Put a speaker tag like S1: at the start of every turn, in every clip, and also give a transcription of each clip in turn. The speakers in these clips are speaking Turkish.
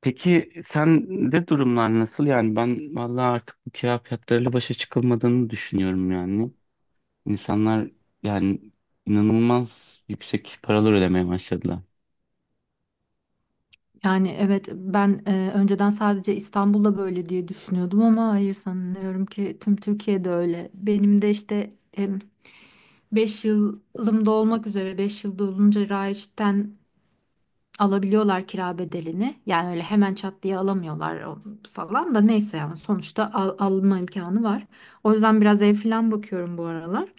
S1: Peki sende durumlar nasıl? Yani ben vallahi artık bu kira fiyatlarıyla başa çıkılmadığını düşünüyorum yani. İnsanlar, yani, inanılmaz yüksek paralar ödemeye başladılar.
S2: Yani evet ben önceden sadece İstanbul'da böyle diye düşünüyordum ama hayır sanıyorum ki tüm Türkiye'de öyle. Benim de işte beş yılım da olmak üzere 5 yılda olunca Raiş'ten alabiliyorlar kira bedelini. Yani öyle hemen çat diye alamıyorlar falan da neyse yani sonuçta alma imkanı var. O yüzden biraz ev falan bakıyorum bu aralar.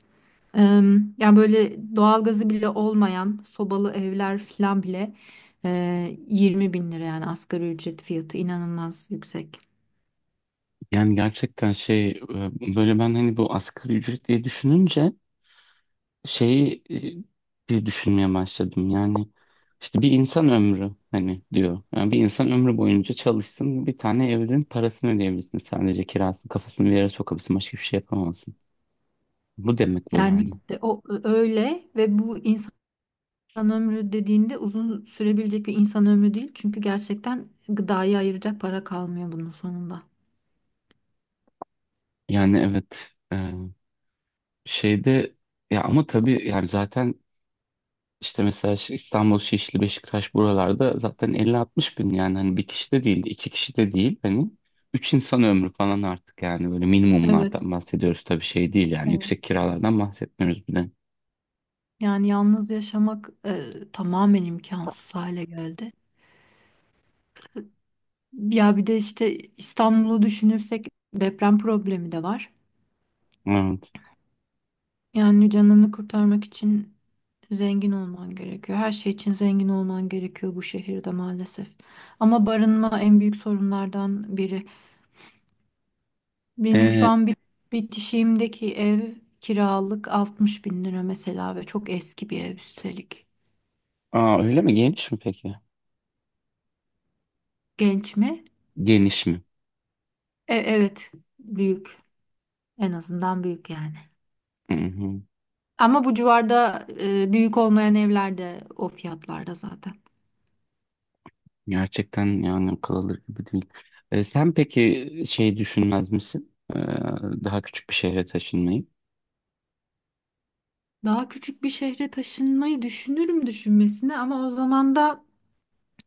S2: Yani böyle doğalgazı bile olmayan sobalı evler falan bile 20 bin lira yani asgari ücret fiyatı inanılmaz yüksek.
S1: Yani gerçekten böyle ben hani bu asgari ücret diye düşününce diye düşünmeye başladım. Yani işte bir insan ömrü hani diyor. Yani bir insan ömrü boyunca çalışsın, bir tane evin parasını ödeyebilsin, sadece kirasını, kafasını bir yere sokabilsin, başka bir şey yapamazsın. Bu demek bu
S2: Yani
S1: yani.
S2: işte o öyle ve bu insan ömrü dediğinde uzun sürebilecek bir insan ömrü değil. Çünkü gerçekten gıdayı ayıracak para kalmıyor bunun sonunda.
S1: Yani evet, şeyde, ya ama tabii yani zaten işte mesela İstanbul, Şişli, Beşiktaş buralarda zaten 50-60 bin, yani hani bir kişi de değil, iki kişi de değil, hani üç insan ömrü falan artık. Yani böyle
S2: Evet,
S1: minimumlardan bahsediyoruz, tabii şey değil, yani
S2: evet.
S1: yüksek kiralardan bahsetmiyoruz bile.
S2: Yani yalnız yaşamak tamamen imkansız hale geldi. Ya bir de işte İstanbul'u düşünürsek deprem problemi de var.
S1: Evet.
S2: Yani canını kurtarmak için zengin olman gerekiyor. Her şey için zengin olman gerekiyor bu şehirde maalesef. Ama barınma en büyük sorunlardan biri. Benim şu
S1: E,
S2: an bir bitişiğimdeki ev kiralık 60 bin lira mesela ve çok eski bir ev üstelik.
S1: aa, öyle mi? Geniş mi peki?
S2: Genç mi?
S1: Geniş mi?
S2: Evet, büyük. En azından büyük yani.
S1: Hı hı.
S2: Ama bu civarda büyük olmayan evler de o fiyatlarda zaten.
S1: Gerçekten yani akıl alır gibi değil. Sen peki şey düşünmez misin? Daha küçük bir şehre taşınmayı?
S2: Daha küçük bir şehre taşınmayı düşünürüm düşünmesine ama o zaman da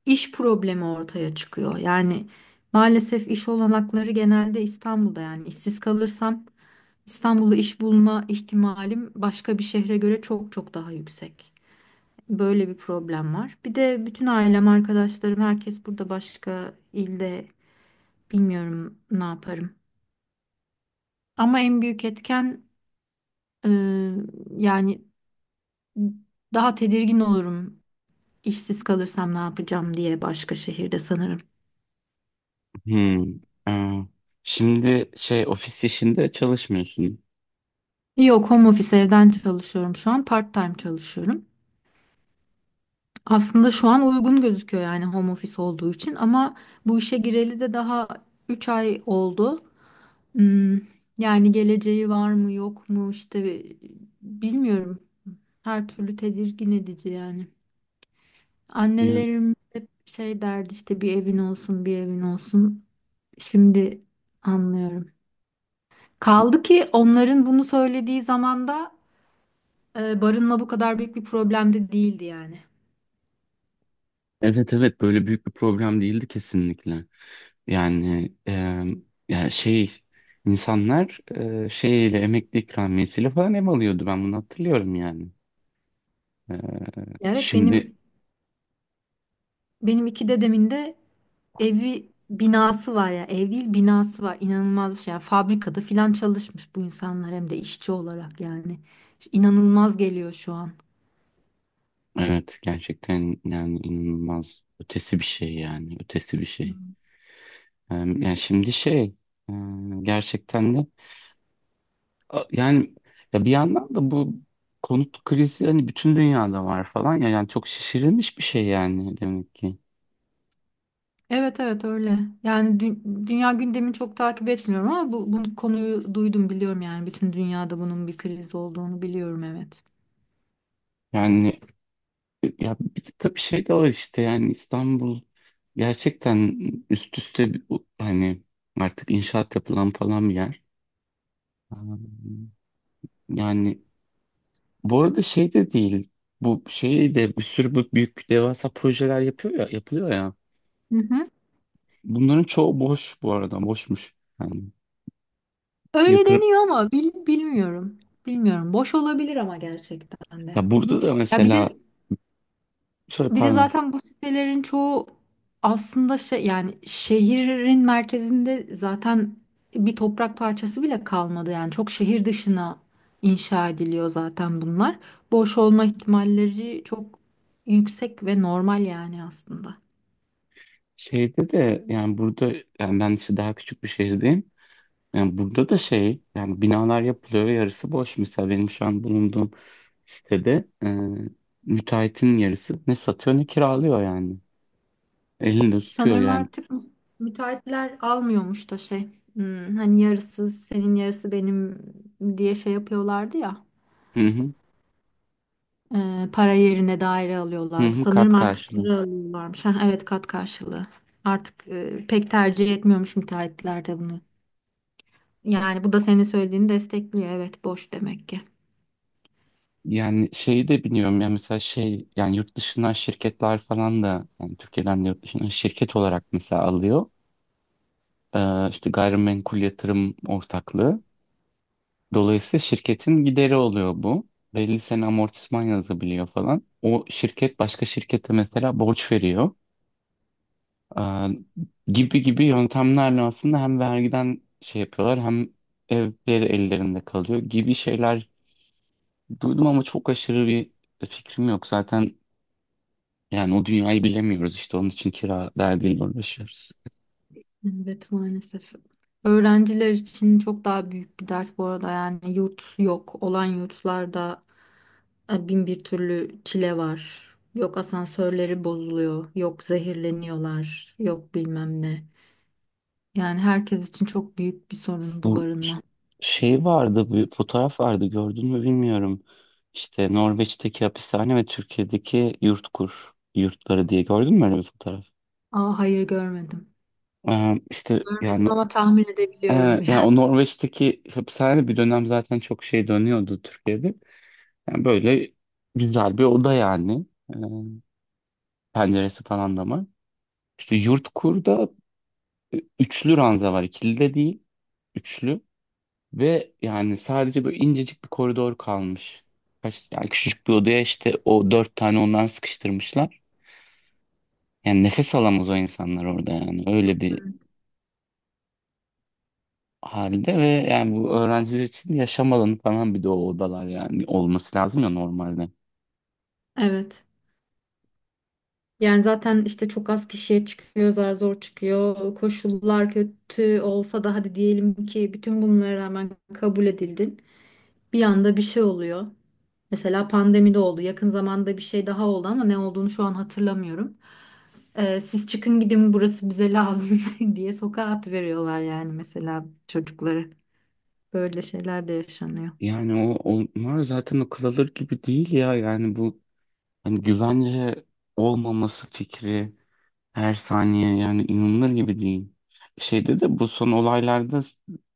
S2: iş problemi ortaya çıkıyor. Yani maalesef iş olanakları genelde İstanbul'da yani işsiz kalırsam İstanbul'da iş bulma ihtimalim başka bir şehre göre çok çok daha yüksek. Böyle bir problem var. Bir de bütün ailem, arkadaşlarım, herkes burada başka ilde bilmiyorum ne yaparım. Ama en büyük etken e, yani daha tedirgin olurum işsiz kalırsam ne yapacağım diye başka şehirde sanırım.
S1: Hmm. Aa, şimdi şey, ofis işinde çalışmıyorsun.
S2: Yok, home office evden çalışıyorum şu an. Part-time çalışıyorum. Aslında şu an uygun gözüküyor yani home office olduğu için ama bu işe gireli de daha 3 ay oldu. Hmm, yani geleceği var mı yok mu işte bilmiyorum. Her türlü tedirgin edici yani.
S1: Ya,
S2: Annelerimiz hep şey derdi işte bir evin olsun bir evin olsun. Şimdi anlıyorum. Kaldı ki onların bunu söylediği zamanda barınma bu kadar büyük bir problem de değildi yani.
S1: evet evet, böyle büyük bir problem değildi kesinlikle. Yani ya şey, insanlar, şeyle, emekli ikramiyesiyle falan ev alıyordu, ben bunu hatırlıyorum yani. E,
S2: Evet benim
S1: Şimdi
S2: benim iki dedemin de evi binası var ya ev değil binası var inanılmaz bir şey yani fabrikada filan çalışmış bu insanlar hem de işçi olarak yani inanılmaz geliyor şu an.
S1: evet, gerçekten yani inanılmaz ötesi bir şey yani, ötesi bir şey.
S2: Hmm.
S1: Yani şimdi şey, e, gerçekten de. Yani ya bir yandan da bu konut krizi hani bütün dünyada var falan ya, yani çok şişirilmiş bir şey yani demek ki.
S2: Evet evet öyle yani dünya gündemini çok takip etmiyorum ama bu konuyu duydum biliyorum yani bütün dünyada bunun bir kriz olduğunu biliyorum evet.
S1: Yani ya bir de tabii şey de var, işte yani İstanbul gerçekten üst üste hani artık inşaat yapılan falan bir yer. Yani bu arada şey de değil. Bu şey de, bir sürü bu büyük devasa projeler yapıyor ya, yapılıyor ya.
S2: Hı hı.
S1: Bunların çoğu boş bu arada, boşmuş. Yani
S2: Öyle
S1: yatırım,
S2: deniyor ama bilmiyorum boş olabilir ama gerçekten de.
S1: ya burada da
S2: Ya bir de
S1: mesela, Şöyle
S2: Bir de
S1: pardon.
S2: zaten bu sitelerin çoğu aslında şey yani şehrin merkezinde zaten bir toprak parçası bile kalmadı. Yani çok şehir dışına inşa ediliyor zaten bunlar. Boş olma ihtimalleri çok yüksek ve normal yani aslında.
S1: Şeyde de yani burada, yani ben işte daha küçük bir şehirdeyim. Yani burada da şey, yani binalar yapılıyor ve yarısı boş. Mesela benim şu an bulunduğum sitede, müteahhitin yarısı ne satıyor ne kiralıyor yani. Elinde tutuyor
S2: Sanırım
S1: yani.
S2: artık müteahhitler almıyormuş da şey. Hani yarısı senin yarısı benim diye şey yapıyorlardı ya.
S1: Hı hı,
S2: Para yerine daire
S1: hı
S2: alıyorlardı.
S1: hı,
S2: Sanırım
S1: kat
S2: Artık
S1: karşılığı.
S2: para alıyorlarmış. Ha, evet kat karşılığı. Artık pek tercih etmiyormuş müteahhitler de bunu. Yani bu da senin söylediğini destekliyor. Evet boş demek ki.
S1: Yani şeyi de biliyorum ya, mesela şey yani yurt dışından şirketler falan da, yani Türkiye'den de yurt dışından şirket olarak mesela alıyor. İşte gayrimenkul yatırım ortaklığı. Dolayısıyla şirketin gideri oluyor bu. Belli sene amortisman yazabiliyor falan. O şirket başka şirkete mesela borç veriyor. Aa, gibi gibi yöntemlerle aslında hem vergiden şey yapıyorlar, hem evleri ellerinde kalıyor gibi şeyler duydum ama çok aşırı bir fikrim yok. Zaten yani o dünyayı bilemiyoruz, işte onun için kira derdiyle uğraşıyoruz.
S2: Evet maalesef. Öğrenciler için çok daha büyük bir dert bu arada. Yani yurt yok. Olan yurtlarda bin bir türlü çile var. Yok asansörleri bozuluyor. Yok zehirleniyorlar. Yok bilmem ne. Yani herkes için çok büyük bir sorun bu
S1: Bu ş-
S2: barınma.
S1: Şey vardı, bir fotoğraf vardı, gördün mü bilmiyorum. İşte Norveç'teki hapishane ve Türkiye'deki YurtKur yurtları diye, gördün mü öyle bir fotoğraf?
S2: Aa, hayır görmedim.
S1: İşte yani,
S2: Görmedim ama tahmin
S1: e,
S2: edebiliyorum
S1: yani
S2: biraz.
S1: o Norveç'teki hapishane bir dönem zaten çok şey dönüyordu Türkiye'de. Yani böyle güzel bir oda yani. Ee, penceresi falan da var. İşte YurtKur'da üçlü ranza var, ikili de değil, üçlü. Ve yani sadece böyle incecik bir koridor kalmış. Kaç, yani küçücük bir odaya işte o dört tane ondan sıkıştırmışlar. Yani nefes alamaz o insanlar orada yani, öyle bir halde. Ve yani bu, öğrenciler için yaşam alanı falan bir de o odalar yani, olması lazım ya normalde.
S2: Evet. Yani zaten işte çok az kişiye çıkıyor, zar zor çıkıyor. Koşullar kötü olsa da hadi diyelim ki bütün bunlara rağmen kabul edildin. Bir anda bir şey oluyor. Mesela pandemide oldu. Yakın zamanda bir şey daha oldu ama ne olduğunu şu an hatırlamıyorum. Siz çıkın gidin burası bize lazım diye sokağa atıveriyorlar yani mesela çocukları. Böyle şeyler de yaşanıyor.
S1: Yani o onlar zaten akıl alır gibi değil ya, yani bu hani güvence olmaması fikri, her saniye, yani inanılır gibi değil. Şeyde de bu son olaylarda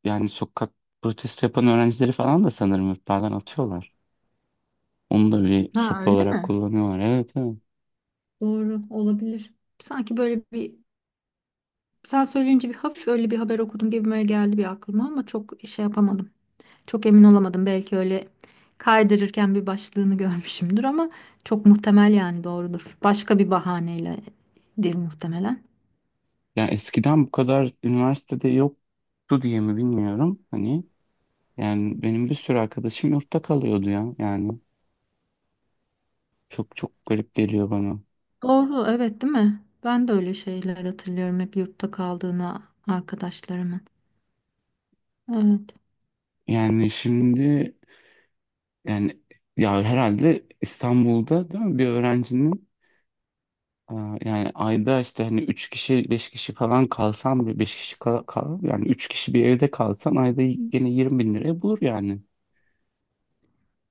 S1: yani, sokak protesto yapan öğrencileri falan da sanırım yurtlardan atıyorlar. Onu da bir
S2: Ha
S1: sopa
S2: öyle
S1: olarak
S2: mi?
S1: kullanıyorlar. Evet evet.
S2: Doğru olabilir. Sanki böyle bir sen söyleyince bir hafif öyle bir haber okudum gibime geldi bir aklıma ama çok şey yapamadım. Çok emin olamadım. Belki öyle kaydırırken bir başlığını görmüşümdür ama çok muhtemel yani doğrudur. Başka bir bahaneyledir muhtemelen.
S1: Yani eskiden bu kadar üniversitede yoktu diye mi bilmiyorum. Hani yani benim bir sürü arkadaşım yurtta kalıyordu ya. Yani çok çok garip geliyor bana.
S2: Doğru evet değil mi? Ben de öyle şeyler hatırlıyorum hep yurtta kaldığına arkadaşlarımın. Evet.
S1: Yani şimdi yani, ya herhalde İstanbul'da değil mi bir öğrencinin. Aa, yani ayda, işte hani 3 kişi 5 kişi falan kalsam, bir 5 kişi yani 3 kişi bir evde kalsan ayda gene 20 bin liraya bulur yani.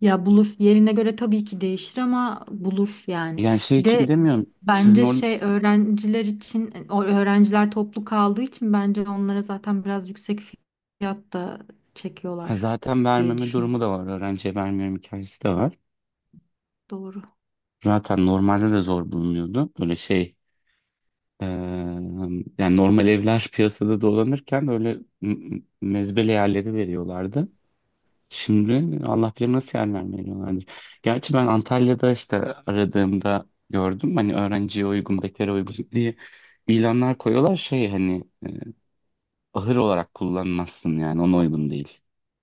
S2: Ya bulur. Yerine göre tabii ki değişir ama bulur yani.
S1: Yani şey
S2: Bir
S1: için
S2: de
S1: demiyorum, sizin
S2: bence
S1: orada.
S2: şey öğrenciler için o öğrenciler toplu kaldığı için bence onlara zaten biraz yüksek fiyatta
S1: Ha,
S2: çekiyorlar
S1: zaten
S2: diye
S1: vermeme durumu
S2: düşün.
S1: da var, öğrenciye vermiyorum hikayesi de var.
S2: Doğru.
S1: Zaten normalde de zor bulunuyordu böyle şey, eee, yani normal evler piyasada dolanırken öyle mezbele yerleri veriyorlardı. Şimdi Allah bilir nasıl yer vermiyorlardır. Gerçi ben Antalya'da işte aradığımda gördüm. Hani öğrenciye uygun, bekara uygun diye ilanlar koyuyorlar. Şey hani, ahır olarak kullanmazsın, yani ona uygun değil.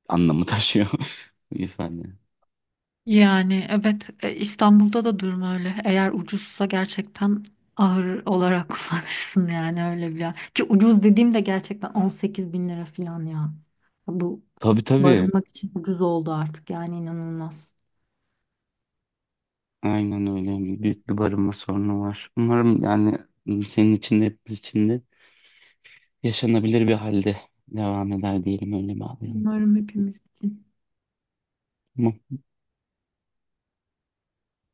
S1: Anlamı taşıyor ifade.
S2: Yani evet İstanbul'da da durum öyle. Eğer ucuzsa gerçekten ahır olarak kullanırsın yani öyle bir yer. Ki ucuz dediğim de gerçekten 18 bin lira falan ya. Bu
S1: Tabii tabii.
S2: barınmak için ucuz oldu artık yani inanılmaz.
S1: Aynen öyle. Hani büyük bir barınma sorunu var. Umarım yani senin için de, hepimiz için de yaşanabilir bir halde devam eder, diyelim, öyle bağlayalım.
S2: Umarım hepimiz için.
S1: Tamam.